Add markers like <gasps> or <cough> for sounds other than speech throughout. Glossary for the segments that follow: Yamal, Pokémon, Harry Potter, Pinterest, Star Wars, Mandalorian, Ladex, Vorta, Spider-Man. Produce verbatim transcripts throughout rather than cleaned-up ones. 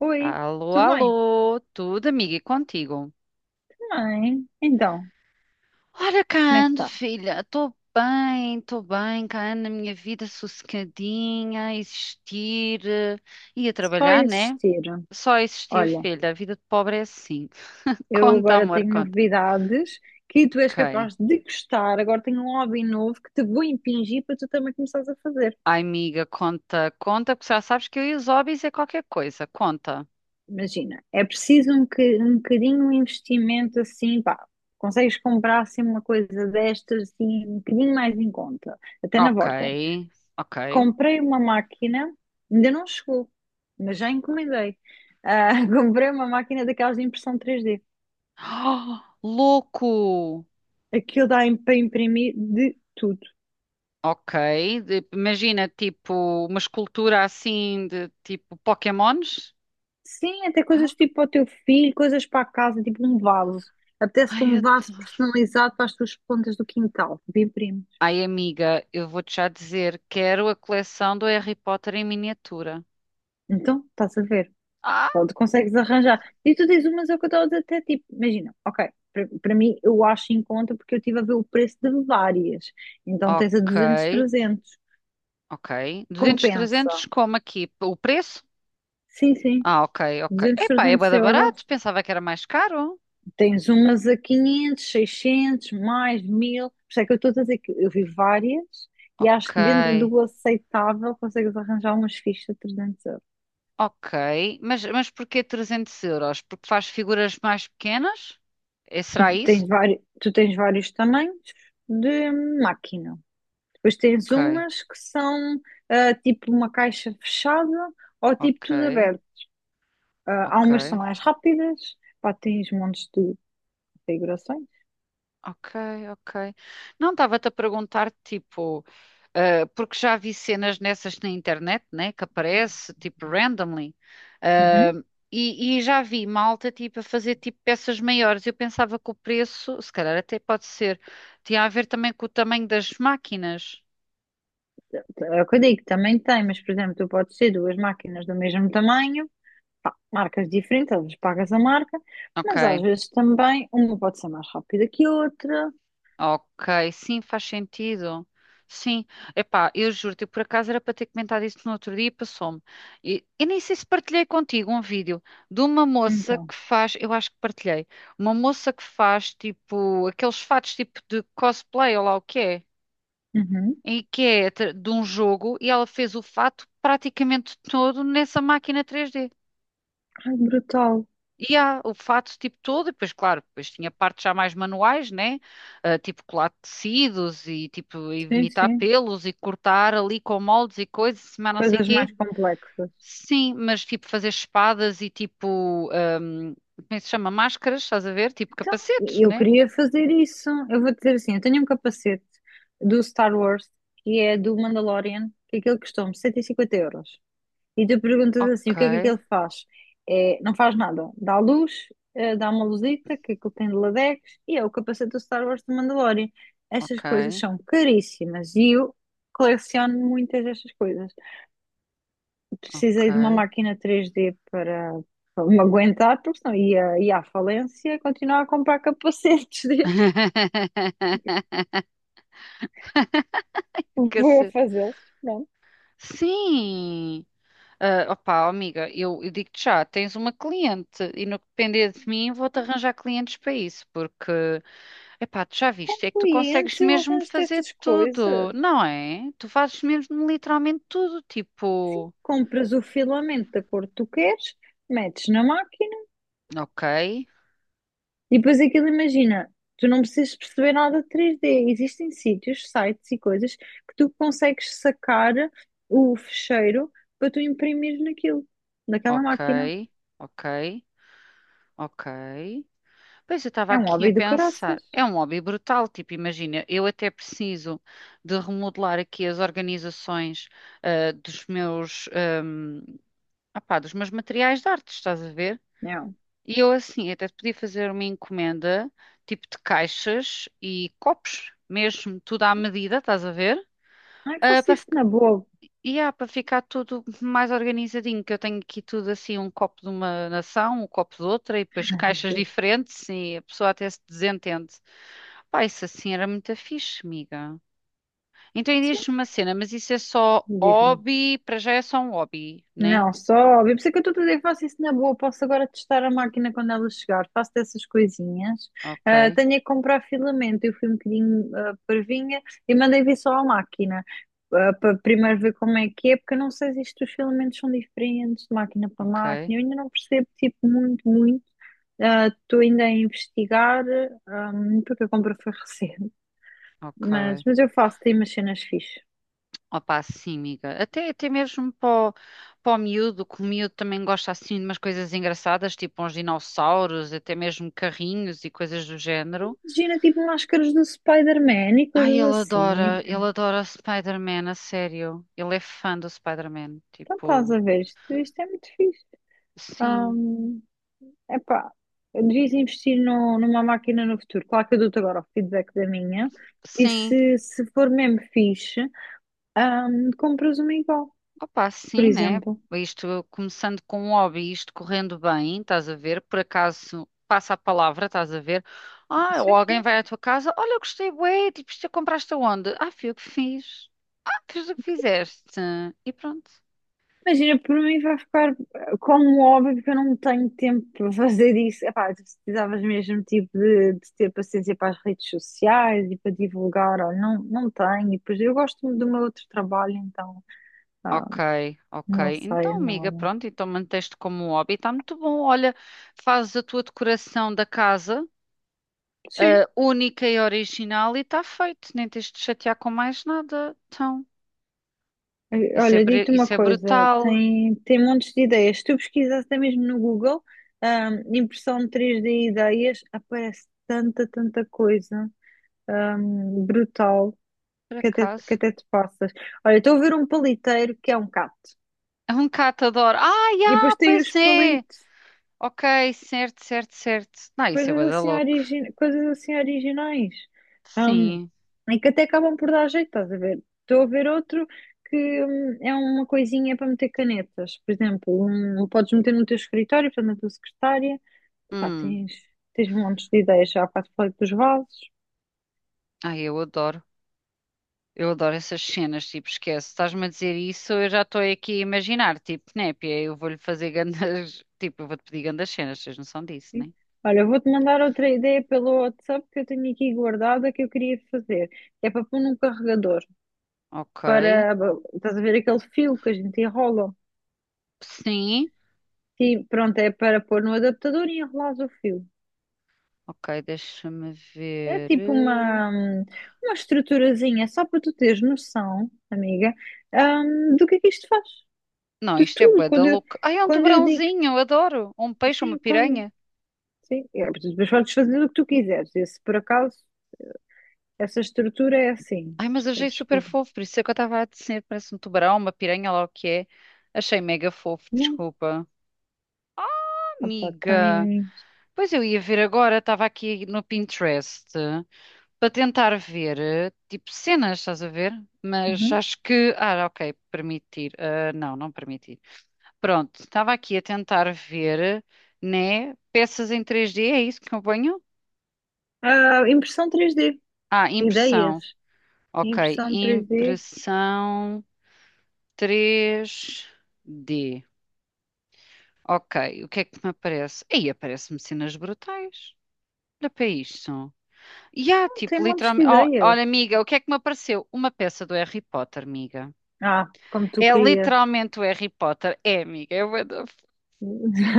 Oi, Alô, tudo bem? alô, tudo amiga e contigo? Bem, então, Ora, cá como é que ando, tá? filha, estou bem, estou bem, cá ando na minha vida sossegadinha, a existir eh, e a Só trabalhar, né? existir. Só a existir, Olha, filha, a vida de pobre é assim. <laughs> eu Conta, agora amor, tenho conta. novidades que tu és Ok. capaz de gostar. Agora tenho um hobby novo que te vou impingir para tu também começares a fazer. Ai, amiga, conta, conta, porque já sabes que eu e os hobbies é qualquer coisa, conta. Imagina, é preciso um, que- um bocadinho de investimento assim, pá. Consegues comprar assim uma coisa destas assim, um bocadinho mais em conta, até na Ok, Vorta. ok. Comprei uma máquina, ainda não chegou, mas já encomendei. Ah, <laughs> comprei uma máquina daquelas de impressão três D. <gasps> Louco! Aquilo dá im- para imprimir de tudo. Ok, de- imagina tipo uma escultura assim de tipo Pokémons. Sim, até coisas Ah, tipo para o teu filho, coisas para a casa, tipo um vaso. Apetece-te ai, um vaso adoro. personalizado para as tuas plantas do quintal. De imprimes. Ai, amiga, eu vou-te já dizer, quero a coleção do Harry Potter em miniatura. Então, estás a ver. Ah, Pode, consegues arranjar. E tu dizes, umas é o que eu estava a dizer, até tipo, imagina, ok, para para mim eu acho em conta porque eu estive a ver o preço de várias. Então tens a ok, duzentos, trezentos. ok. duzentos, trezentos, Compensa. como aqui? O preço? Sim, sim. Ah, ok, ok. duzentos, Epá, é bué 300 da barato, euros. pensava que era mais caro. Tens umas a quinhentos, seiscentos, mais mil. Por isso é que eu estou a dizer que eu vi várias e acho Ok, que dentro do aceitável consegues arranjar umas fichas de trezentos euros. ok. Mas, mas porquê trezentos euros? Porque faz figuras mais pequenas? É, será isso? Tens vários, tu tens vários tamanhos de máquina. Depois tens Ok, umas que são ah, tipo uma caixa fechada ou tipo tudo ok. aberto. Ah, há Ok, umas que são mais rápidas, pá, tens montes de configurações. ok, ok. Não estava-te a perguntar, tipo, eh, porque já vi cenas nessas na internet, né, que aparece, tipo, randomly, eh, Uhum. e, e já vi malta, tipo, a fazer, tipo, peças maiores. Eu pensava que o preço, se calhar até pode ser, tinha a ver também com o tamanho das máquinas. É o que eu digo, também tem, mas por exemplo, tu podes ter duas máquinas do mesmo tamanho, pá, marcas diferentes, às vezes pagas a marca, Ok, mas às vezes também uma pode ser mais rápida que a outra. ok, sim, faz sentido. Sim, epá, eu juro-te, eu por acaso era para ter comentado isso no outro dia e passou-me. E, e nem sei se partilhei contigo um vídeo de uma moça Então, que faz, eu acho que partilhei, uma moça que faz tipo aqueles fatos tipo de cosplay ou lá o que é, uhum. e que é tra- de um jogo e ela fez o fato praticamente todo nessa máquina três d. Ai, brutal. E há o fato tipo todo, e depois, claro, depois tinha partes já mais manuais, né? Ah, tipo colar tecidos e tipo Sim, imitar sim. pelos e cortar ali com moldes e coisas, mas não sei Coisas mais quê. complexas. Sim, mas tipo fazer espadas e tipo, ahm, como é que se chama? Máscaras, estás a ver? Tipo Então, capacetes, eu né? queria fazer isso. Eu vou dizer assim, eu tenho um capacete do Star Wars, que é do Mandalorian, que aquele custou-me cento e cinquenta euros. E tu perguntas assim, Ok, o que é que aquilo faz? É, não faz nada. Dá luz, eh, dá uma luzita, que aquilo tem de Ladex, e é o capacete do Star Wars do Mandalorian. Estas coisas ok, são caríssimas e eu coleciono muitas destas coisas. Precisei de uma ok. máquina três d para, para me aguentar, porque senão ia, ia à falência continuar a comprar capacetes <laughs> destes. <laughs> Vou Cacete. fazê-los. Pronto. Sim, ah, opá, amiga, eu, eu digo-te já, tens uma cliente e no que depender de mim vou-te arranjar clientes para isso, porque, epá, tu já Com viste, é que tu consegues clientes eu mesmo arranjo fazer estas tudo, coisas. não é? Tu fazes mesmo literalmente tudo, Sim, tipo, compras o filamento da cor que tu queres, metes na máquina ok, e depois aquilo, imagina, tu não precisas perceber nada de três D. Existem sítios, sites e coisas que tu consegues sacar o fecheiro para tu imprimir naquilo, naquela ok, máquina. ok, ok. Pois eu estava É um aqui a hobby do pensar, caraças. é um hobby brutal, tipo, imagina, eu até preciso de remodelar aqui as organizações ah, dos meus. hum, Ah pá, dos meus materiais de arte, estás a ver? Não. E eu assim, até te podia fazer uma encomenda, tipo de caixas e copos, mesmo tudo à medida, estás a ver? Ai, Ah, faço para isso fic- na boa. e há, para ficar tudo mais organizadinho, que eu tenho aqui tudo assim, um copo de uma nação, um copo de outra, e depois Ai, meu caixas Deus. diferentes, e a pessoa até se desentende. Pá, isso assim era muito fixe, amiga. Então e Sim, diz-me uma cena, mas isso é só diz-me. hobby, para já é só um hobby, né? Não, só, óbvio. Por isso é que eu estou a dizer que faço isso na boa. Posso agora testar a máquina quando ela chegar. Faço dessas coisinhas. Ah, Ok, tenho é que comprar filamento. Eu fui um bocadinho ah, parvinha e mandei vir só à máquina. Ah, para primeiro ver como é que é, porque eu não sei se isto os filamentos são diferentes de máquina para ok, máquina. Eu ainda não percebo, tipo, muito, muito. Ah, estou ainda a investigar, ahm, porque a compra foi <laughs> recente. Mas, ok. mas eu faço, tem umas cenas fixes. Opa, sim, amiga. Até, até mesmo para o, para o miúdo, que o miúdo também gosta assim de umas coisas engraçadas, tipo uns dinossauros, até mesmo carrinhos e coisas do género. Imagina, tipo, máscaras do Spider-Man e Ai, coisas ele assim. adora, ele adora Spider-Man, a sério. Ele é fã do Spider-Man. Então estás Tipo, a ver, isto, isto é muito fixe. sim, É, epá, eu devias investir no- numa máquina no futuro. Claro que eu dou-te agora o feedback da minha. E sim, se, se for mesmo fixe, hum, compras uma igual, opa, por sim, né? exemplo. Isto começando com um hobby, isto correndo bem, estás a ver? Por acaso passa a palavra, estás a ver? Ah, Sim, ou alguém sim. vai à tua casa, olha, eu gostei, bué, tipo, isto compraste aonde? Ah, fui eu que fiz. Ah, fiz o que fizeste. E pronto. Imagina, por mim vai ficar eh, como óbvio que eu não tenho tempo para fazer isso. Epá, tu precisavas mesmo tipo de, de ter paciência para as redes sociais e para divulgar. Olha, não, não tenho. E depois eu gosto do meu outro trabalho, então. ah, Ok, ok. Não sei, Então, amiga, não. pronto, então manteste como um hobby, está muito bom. Olha, fazes a tua decoração da casa, Sim. ah, única e original, e está feito. Nem tens de te chatear com mais nada. Então, Eh, isso é, olha, br- digo-te uma isso é coisa, brutal. tem, tem montes de ideias. Se tu pesquisas até mesmo no Google, ahm, impressão três d e ideias, aparece tanta, tanta coisa, ahm, brutal, Por que até, que acaso. até te passas. Olha, estou a ver um paliteiro que é um gato. É um catador. Ah, E depois já, tem os pois é. palitos, Ok, certo, certo, certo. Não, isso é coisas bué da assim, louco. origi- coisas assim originais. Um, Sim. e que até acabam por dar jeito, estás a ver? Estou a ver outro que hum, é uma coisinha para meter canetas. Por exemplo, um, podes meter no teu escritório, portanto, na tua secretária. Pá, Hum. tens, tens montes de ideias. Já há bocado falei dos vasos. Ai, eu adoro. Eu adoro essas cenas, tipo, esquece. Estás-me a dizer isso, eu já estou aqui a imaginar, tipo, népia, eu vou-lhe fazer grandes... <laughs> Tipo, eu vou-te pedir grandes cenas, tens noção disso, né? Sim. Olha, vou-te mandar outra ideia pelo WhatsApp que eu tenho aqui guardada que eu queria fazer. Que é para pôr num carregador. Ok. Para, estás a ver aquele fio que a gente enrola? Sim. Sim, pronto, é para pôr no adaptador e enrolar o fio. Ok, deixa-me É ver. tipo eh, uma, uma estruturazinha, só para tu teres noção, amiga, hum, do que é que isto faz. Não, De isto é tudo. bué da Quando eu, louco. Ai, é um quando eu digo, tubarãozinho, eu adoro. Um peixe, uma sim, quando, piranha. sim, é, mas tu depois podes fazer o que tu quiseres. E se por acaso, essa estrutura é assim. Ai, mas achei Podes super fazer. fofo, por isso é que eu estava a dizer, parece um tubarão, uma piranha, lá o que é. Achei mega fofo, Não, desculpa. opa, Amiga, tens. pois eu ia ver agora, estava aqui no Pinterest para tentar ver, eh, tipo, cenas, estás a ver? Mas Uhum. acho que, ah, ok, permitir, ah, não, não permitir. Pronto, estava aqui a tentar ver, né, peças em três d é isso que eu ponho? Ah, impressão três d. Ah, impressão, Ideias. ok, Impressão três d. impressão três d. Ok, o que é que me aparece? Aí aparece-me cenas brutais. Olha para isto. E há, Tem tipo, montes de literalmente. Oh, olha, ideias. amiga, o que é que me apareceu? Uma peça do Harry Potter, amiga. Ah, como tu É querias. literalmente o Harry Potter. É, amiga. É bué da. f- <laughs>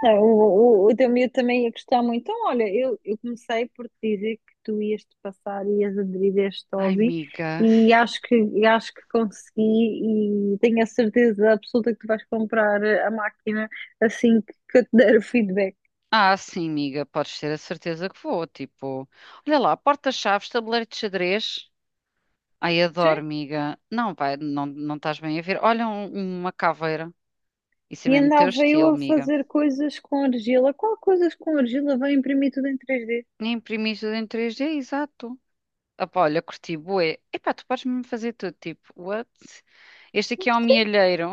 Não, o, o, o teu miúdo também ia gostar muito. Então, olha, eu, eu comecei por te dizer que tu ias te passar, ias aderir a este Ai, hobby amiga. e acho que, e acho que consegui e tenho a certeza absoluta que tu vais comprar a máquina assim que, que eu te der o feedback. Ah, sim, amiga. Podes ter a certeza que vou. Tipo, olha lá, porta-chaves, tabuleiro de xadrez. Ai, Sim. adoro, amiga. Não, vai, não, não estás bem a ver. Olha um- uma caveira. Isso é E mesmo teu andava eu estilo, a amiga. fazer coisas com argila. Qual coisas com argila? Vai imprimir tudo em três d. Nem imprimiste em três d, exato. Opa, olha, curti, bué. Epá, tu podes-me fazer tudo, tipo, what? Este aqui é um mielheiro.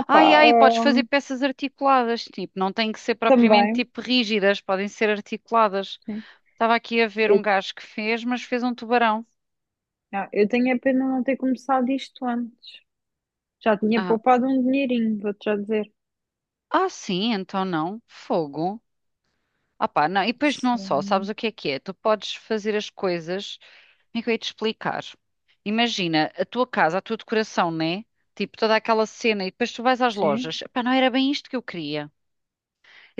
Opa, Ai, ai, podes hum, fazer peças articuladas, tipo, não têm que ser propriamente, também. tipo, rígidas, podem ser articuladas. Sim. Estava aqui a ver um Eu, gajo que fez, mas fez um tubarão. ah, eu tenho a pena não ter começado isto antes. Já tinha Ah, poupado um dinheirinho, vou-te já dizer. ah, sim, então não. Fogo. Ah pá, não, e depois não só, sabes Sim, o que é que é? Tu podes fazer as coisas, como é que eu ia te explicar? Imagina, a tua casa, a tua decoração, né? Tipo, toda aquela cena, e depois tu vais às sim, lojas, pá, não era bem isto que eu queria.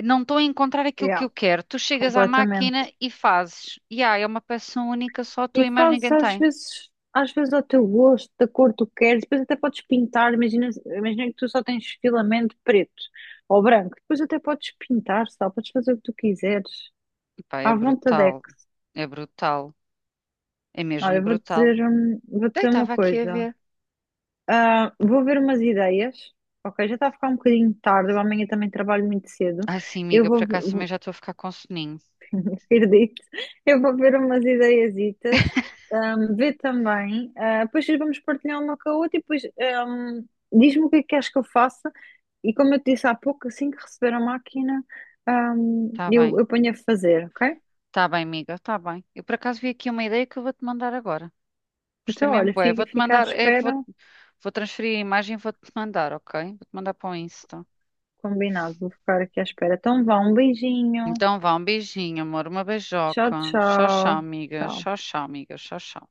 Não estou a encontrar aquilo que yeah, eu quero. Tu chegas à completamente. máquina e fazes. E ah, é uma peça única, só a tua E e mais fazes ninguém às tem. vezes, às vezes ao teu gosto, da cor que tu queres, depois até podes pintar, imagina, imagina que tu só tens filamento preto ou branco, depois até podes pintar, sabe? Podes fazer o que tu quiseres, Pá, é à vontade. brutal, é brutal, é Olha, mesmo eu vou-te dizer, brutal. hum, vou-te Daí dizer uma estava aqui a coisa. ver. Ah, vou ver umas ideias, ok? Já está a ficar um bocadinho tarde, eu amanhã também trabalho muito cedo. Ai sim, Eu amiga, por acaso também vou, já estou a ficar com soninho. Acredito. Eu vou ver umas ideiazitas, ahm, ver também. Ah, depois vamos partilhar uma com a outra e depois ahm, diz-me o que é que queres que eu faça. E como eu te disse há pouco, assim que receber a máquina, ahm, Tá eu, bem. eu ponho a fazer, ok? Tá bem, amiga, tá bem. Eu por acaso vi aqui uma ideia que eu vou-te mandar agora. Gostei Então, mesmo, olha, bué. fica, Vou-te fica à mandar, é, vou, espera. vou transferir a imagem e vou-te mandar, ok? Vou-te mandar para o Insta. Combinado, vou ficar aqui à espera. Então, vá, um beijinho. Então vá, um beijinho, amor, uma Tchau, beijoca. Tchau, tchau, tchau. amiga. Tchau. Tchau, tchau, amiga. Tchau, tchau.